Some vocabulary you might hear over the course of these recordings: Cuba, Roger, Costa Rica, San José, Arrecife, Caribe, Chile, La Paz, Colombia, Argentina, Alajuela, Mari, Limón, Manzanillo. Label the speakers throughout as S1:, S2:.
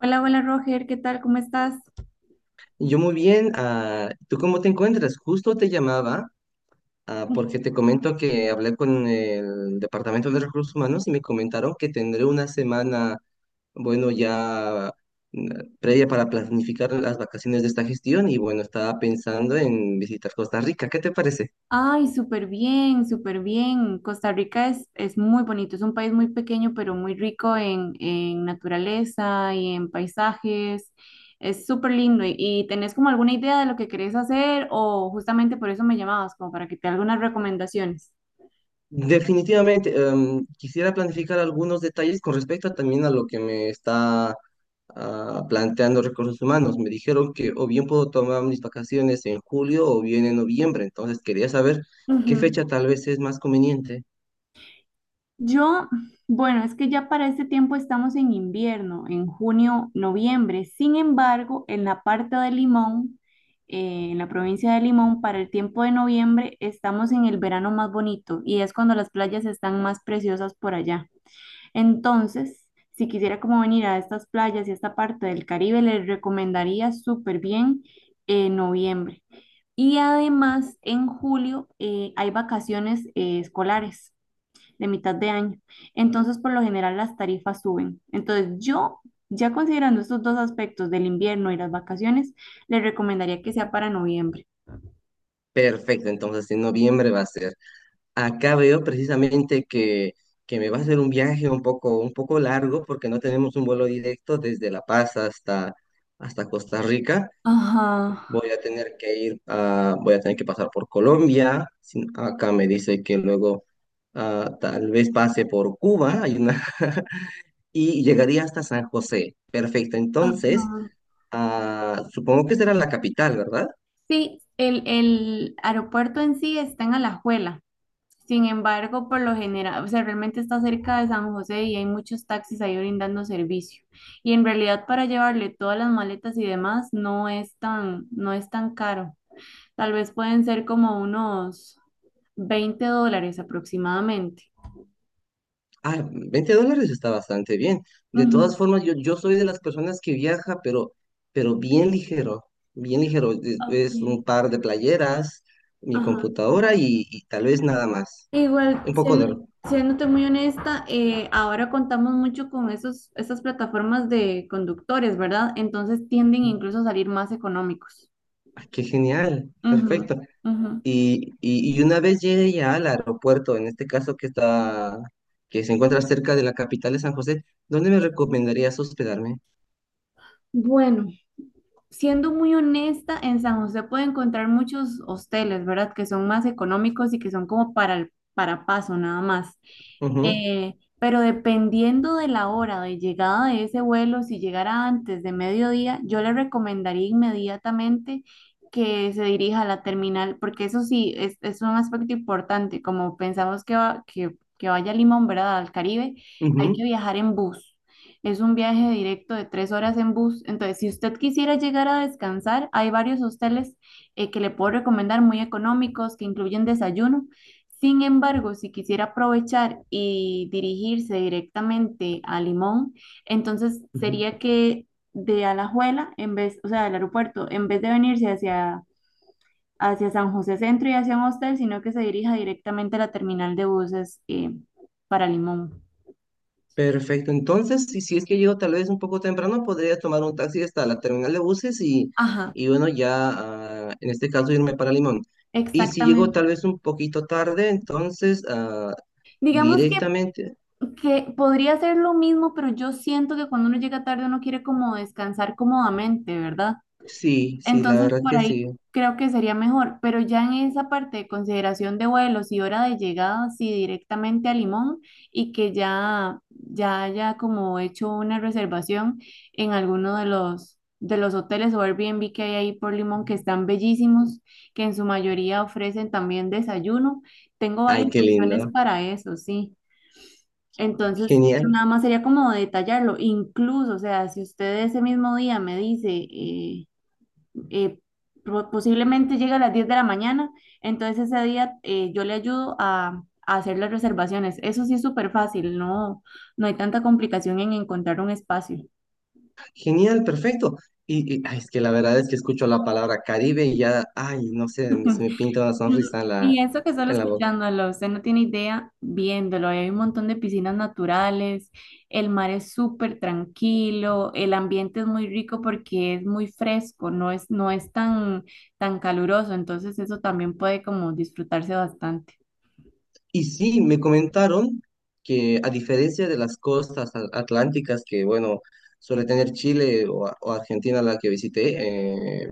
S1: Hola, hola Roger, ¿qué tal? ¿Cómo estás?
S2: Yo muy bien, ¿tú cómo te encuentras? Justo te llamaba porque te comento que hablé con el Departamento de Recursos Humanos y me comentaron que tendré una semana, bueno, mm, previa para planificar las vacaciones de esta gestión y bueno, estaba pensando en visitar Costa Rica. ¿Qué te parece?
S1: Ay, súper bien, súper bien. Costa Rica es muy bonito, es un país muy pequeño, pero muy rico en naturaleza y en paisajes. Es súper lindo. ¿Y tenés como alguna idea de lo que querés hacer o justamente por eso me llamabas, como para que te dé algunas recomendaciones?
S2: Definitivamente, quisiera planificar algunos detalles con respecto también a lo que me está planteando Recursos Humanos. Me dijeron que o bien puedo tomar mis vacaciones en julio o bien en noviembre, entonces quería saber qué
S1: Ujú.
S2: fecha tal vez es más conveniente.
S1: Yo, bueno, es que ya para este tiempo estamos en invierno, en junio, noviembre. Sin embargo, en la parte de Limón, en la provincia de Limón, para el tiempo de noviembre estamos en el verano más bonito y es cuando las playas están más preciosas por allá. Entonces, si quisiera como venir a estas playas y esta parte del Caribe, les recomendaría súper bien noviembre. Y además, en julio hay vacaciones escolares de mitad de año. Entonces, por lo general, las tarifas suben. Entonces, yo, ya considerando estos dos aspectos del invierno y las vacaciones, le recomendaría que sea para noviembre.
S2: Perfecto, entonces en noviembre va a ser. Acá veo precisamente que me va a hacer un viaje un poco largo porque no tenemos un vuelo directo desde La Paz hasta Costa Rica.
S1: Ajá,
S2: Voy a tener que voy a tener que pasar por Colombia. Acá me dice que luego tal vez pase por Cuba hay y llegaría hasta San José. Perfecto. Entonces,
S1: ajá.
S2: supongo que será la capital, ¿verdad?
S1: Sí, el aeropuerto en sí está en Alajuela. Sin embargo, por lo general, o sea, realmente está cerca de San José y hay muchos taxis ahí brindando servicio. Y en realidad para llevarle todas las maletas y demás no es tan caro. Tal vez pueden ser como unos 20 dólares aproximadamente.
S2: Ah, $20 está bastante bien. De todas
S1: Ujú,
S2: formas, yo soy de las personas que viaja, pero bien ligero, bien ligero.
S1: ok,
S2: Es un par de playeras, mi
S1: ajá.
S2: computadora y tal vez nada más.
S1: Igual,
S2: Un poco de...
S1: siéndote muy honesta, ahora contamos mucho con esas plataformas de conductores, ¿verdad? Entonces tienden incluso a salir más económicos.
S2: Ah, qué genial,
S1: Ujú,
S2: perfecto.
S1: ujú.
S2: Y una vez llegue ya al aeropuerto, en este caso que que se encuentra cerca de la capital de San José, ¿dónde me recomendarías hospedarme?
S1: Bueno, siendo muy honesta, en San José puede encontrar muchos hosteles, ¿verdad? Que son más económicos y que son como para el para paso nada más.
S2: Ujú,
S1: Pero dependiendo de la hora de llegada de ese vuelo, si llegara antes de mediodía, yo le recomendaría inmediatamente que se dirija a la terminal, porque eso sí, es un aspecto importante. Como pensamos que, que vaya a Limón, ¿verdad? Al Caribe, hay que
S2: ujú,
S1: viajar en bus. Es un viaje directo de 3 horas en bus. Entonces, si usted quisiera llegar a descansar, hay varios hosteles que le puedo recomendar muy económicos, que incluyen desayuno. Sin embargo, si quisiera aprovechar y dirigirse directamente a Limón, entonces sería
S2: ujú.
S1: que de Alajuela, en vez, o sea, del aeropuerto, en vez de venirse hacia San José Centro y hacia un hostel, sino que se dirija directamente a la terminal de buses para Limón.
S2: Perfecto. Entonces, si es que llego tal vez un poco temprano, podría tomar un taxi hasta la terminal de buses
S1: Ajá,
S2: y bueno, ya en este caso irme para Limón. Y si llego
S1: exactamente.
S2: tal vez un poquito tarde, entonces
S1: Digamos
S2: directamente,
S1: que podría ser lo mismo, pero yo siento que cuando uno llega tarde uno quiere como descansar cómodamente, ¿verdad?
S2: sí, sí, la
S1: Entonces,
S2: verdad
S1: por
S2: que
S1: ahí
S2: sí. Ujú.
S1: creo que sería mejor, pero ya en esa parte de consideración de vuelos y hora de llegada, sí, directamente a Limón y que ya haya como hecho una reservación en alguno de de los hoteles o Airbnb que hay ahí por Limón, que están bellísimos, que en su mayoría ofrecen también desayuno. Tengo
S2: Ay,
S1: varias
S2: qué
S1: opciones
S2: lindo.
S1: para eso, sí. Entonces, eso
S2: Genial,
S1: nada más sería como detallarlo. Incluso, o sea, si usted ese mismo día me dice... eh, posiblemente llega a las 10 de la mañana, entonces ese día yo le ayudo a hacer las reservaciones. Eso sí es súper fácil, no hay tanta complicación en encontrar un espacio.
S2: genial, perfecto. Ay, es que la verdad es que escucho la palabra Caribe y ya, ay, no sé, se me pinta una
S1: Mm,
S2: sonrisa
S1: y eso que solo
S2: en la boca.
S1: escuchándolo, usted no tiene idea viéndolo. Hay un montón de piscinas naturales, el mar es súper tranquilo, el ambiente es muy rico porque es muy fresco, no es tan, tan caluroso, entonces eso también puede como disfrutarse bastante.
S2: Y sí, me comentaron que a diferencia de las costas atlánticas que, bueno, suele tener Chile o Argentina, la que visité,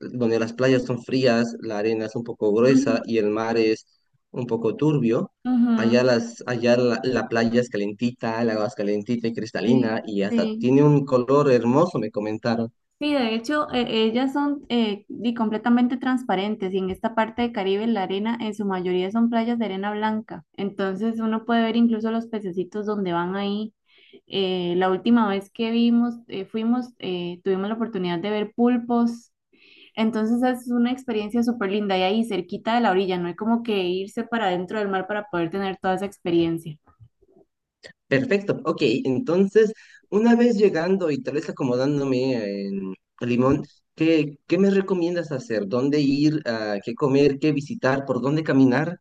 S2: donde las playas son frías, la arena es un poco gruesa
S1: Ujú,
S2: y el mar es un poco turbio.
S1: ujú.
S2: Allá, allá la playa es calentita, el agua es calentita y
S1: Sí,
S2: cristalina y hasta
S1: sí.
S2: tiene un color hermoso, me comentaron.
S1: Sí, de hecho, ellas son completamente transparentes y en esta parte de Caribe la arena en su mayoría son playas de arena blanca. Entonces uno puede ver incluso los pececitos donde van ahí. La última vez que vimos, tuvimos la oportunidad de ver pulpos. Entonces es una experiencia súper linda y ahí cerquita de la orilla, no hay como que irse para dentro del mar para poder tener toda esa experiencia.
S2: Perfecto, ok, entonces una vez llegando y tal vez acomodándome en Limón, ¿qué me recomiendas hacer? ¿Dónde ir? Ah, ¿qué comer? ¿Qué visitar? ¿Por dónde caminar?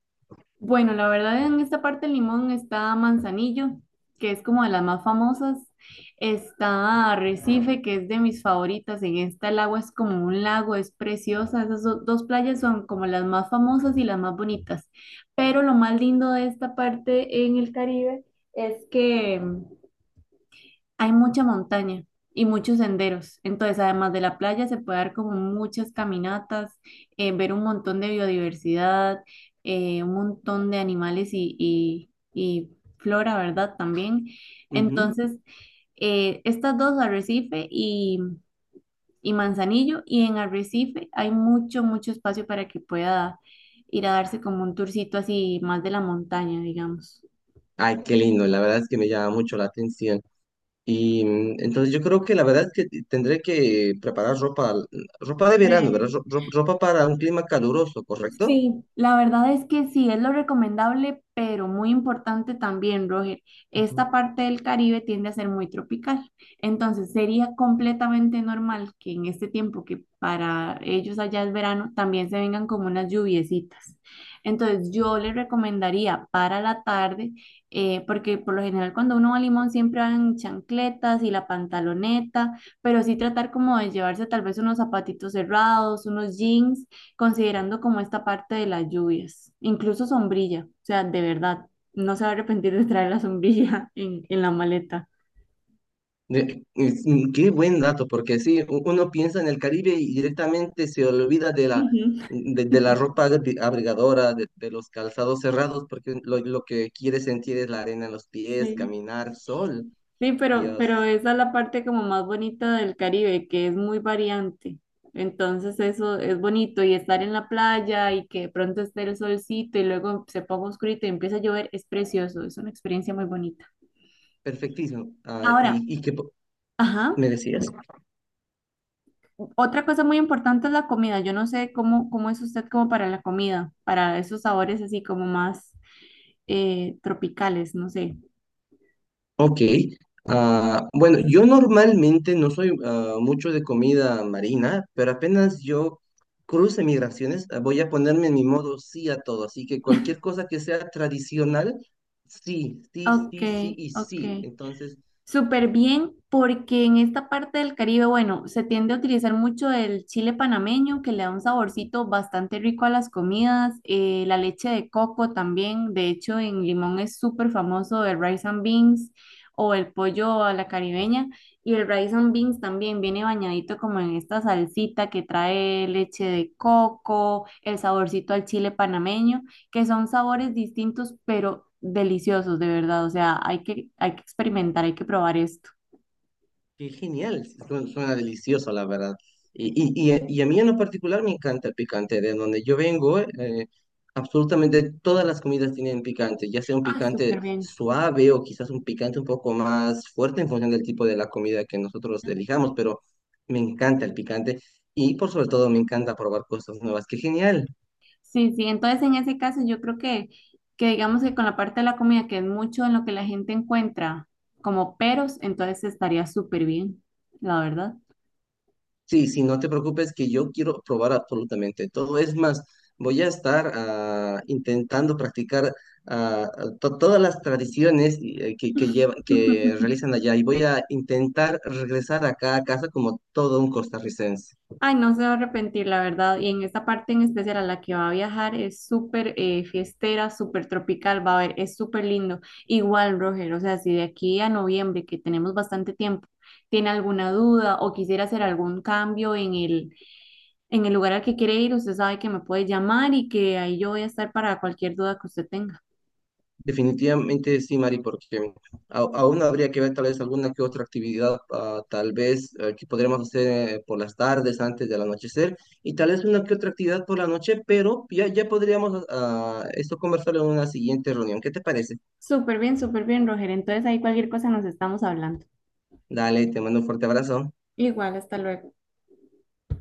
S1: Bueno, la verdad en esta parte del limón está Manzanillo, que es como de las más famosas. Está Arrecife, que es de mis favoritas. En esta el agua es como un lago, es preciosa. Esas dos playas son como las más famosas y las más bonitas. Pero lo más lindo de esta parte en el Caribe es que hay mucha montaña y muchos senderos. Entonces, además de la playa, se puede dar como muchas caminatas, ver un montón de biodiversidad, un montón de animales y flora, ¿verdad? También.
S2: Ujú.
S1: Entonces, estas dos, Arrecife y Manzanillo, y en Arrecife hay mucho espacio para que pueda ir a darse como un tourcito así más de la montaña, digamos.
S2: Ay, qué lindo, la verdad es que me llama mucho la atención. Y mm, entonces yo creo que la verdad es que tendré que preparar ropa, mm, ropa de verano, ¿verdad? Ropa para un clima caluroso, ¿correcto?
S1: Sí, la verdad es que sí, es lo recomendable, pero muy importante también, Roger.
S2: Ujú.
S1: Esta parte del Caribe tiende a ser muy tropical, entonces sería completamente normal que en este tiempo que para ellos allá es verano, también se vengan como unas lluviecitas. Entonces yo les recomendaría para la tarde, porque por lo general cuando uno va a Limón siempre van chancletas y la pantaloneta, pero sí tratar como de llevarse tal vez unos zapatitos cerrados, unos jeans considerando como esta parte de las lluvias, incluso sombrilla, o sea, de verdad, no se va a arrepentir de traer la sombrilla en la maleta.
S2: Qué buen dato, porque sí, uno piensa en el Caribe y directamente se olvida de
S1: Ujú.
S2: de la ropa abrigadora, de los calzados cerrados, porque lo que quiere sentir es la arena en los pies,
S1: Sí.
S2: caminar, sol,
S1: Sí, pero
S2: Dios,
S1: esa es la parte como más bonita del Caribe, que es muy variante. Entonces eso es bonito y estar en la playa y que de pronto esté el solcito y luego se ponga oscurito y empieza a llover es precioso, es una experiencia muy bonita.
S2: perfectísimo.
S1: Ahora,
S2: Que
S1: ajá.
S2: me decías.
S1: Otra cosa muy importante es la comida. Yo no sé cómo es usted como para la comida, para esos sabores así como más tropicales, no sé.
S2: Ok. Bueno, yo normalmente no soy mucho de comida marina, pero apenas yo cruce migraciones, voy a ponerme en mi modo sí a todo. Así que cualquier cosa que sea tradicional, sí, sí,
S1: Ok,
S2: sí, sí y
S1: ok.
S2: sí. Entonces,
S1: Súper bien, porque en esta parte del Caribe, bueno, se tiende a utilizar mucho el chile panameño, que le da un saborcito bastante rico a las comidas, la leche de coco también, de hecho en Limón es súper famoso el rice and beans o el pollo a la caribeña, y el rice and beans también viene bañadito como en esta salsita que trae leche de coco, el saborcito al chile panameño que son sabores distintos, pero deliciosos, de verdad. O sea, hay que experimentar, hay que probar esto.
S2: qué genial, sí, suena, suena delicioso, la verdad. A mí en lo particular me encanta el picante. De donde yo vengo, absolutamente todas las comidas tienen picante, ya sea un
S1: Ah,
S2: picante
S1: súper bien.
S2: suave o quizás un picante un poco más fuerte en función del tipo de la comida que nosotroselijamos, pero me encanta el picante y por sobre todo me encanta probar cosas nuevas. Qué genial.
S1: Sí, sí, entonces en ese caso yo creo que digamos que con la parte de la comida, que es mucho en lo que la gente encuentra como peros, entonces estaría súper bien, la verdad.
S2: Sí, sí, no te preocupes que yo quiero probar absolutamente todo. Es más, voy a estar intentando practicar ah, todas las tradiciones y, que realizan allá y voy a intentar regresar acá a casa como todo un costarricense.
S1: Ay, no se va a arrepentir, la verdad. Y en esta parte en especial a la que va a viajar es súper fiestera, súper tropical, va a ver, es súper lindo. Igual, Roger, o sea, si de aquí a noviembre, que tenemos bastante tiempo, tiene alguna duda o quisiera hacer algún cambio en en el lugar al que quiere ir, usted sabe que me puede llamar y que ahí yo voy a estar para cualquier duda que usted tenga.
S2: Definitivamente sí, Mari, porque aún habría que ver tal vez alguna que otra actividad, ah, tal vez que podremos hacer por las tardes antes del anochecer y tal vez una que otra actividad por la noche, pero ya, ya podríamos esto conversarlo en una siguiente reunión. ¿Qué te parece?
S1: Súper bien, Roger. Entonces ahí cualquier cosa nos estamos hablando.
S2: Dale, te mando un fuerte abrazo.
S1: Igual, hasta luego.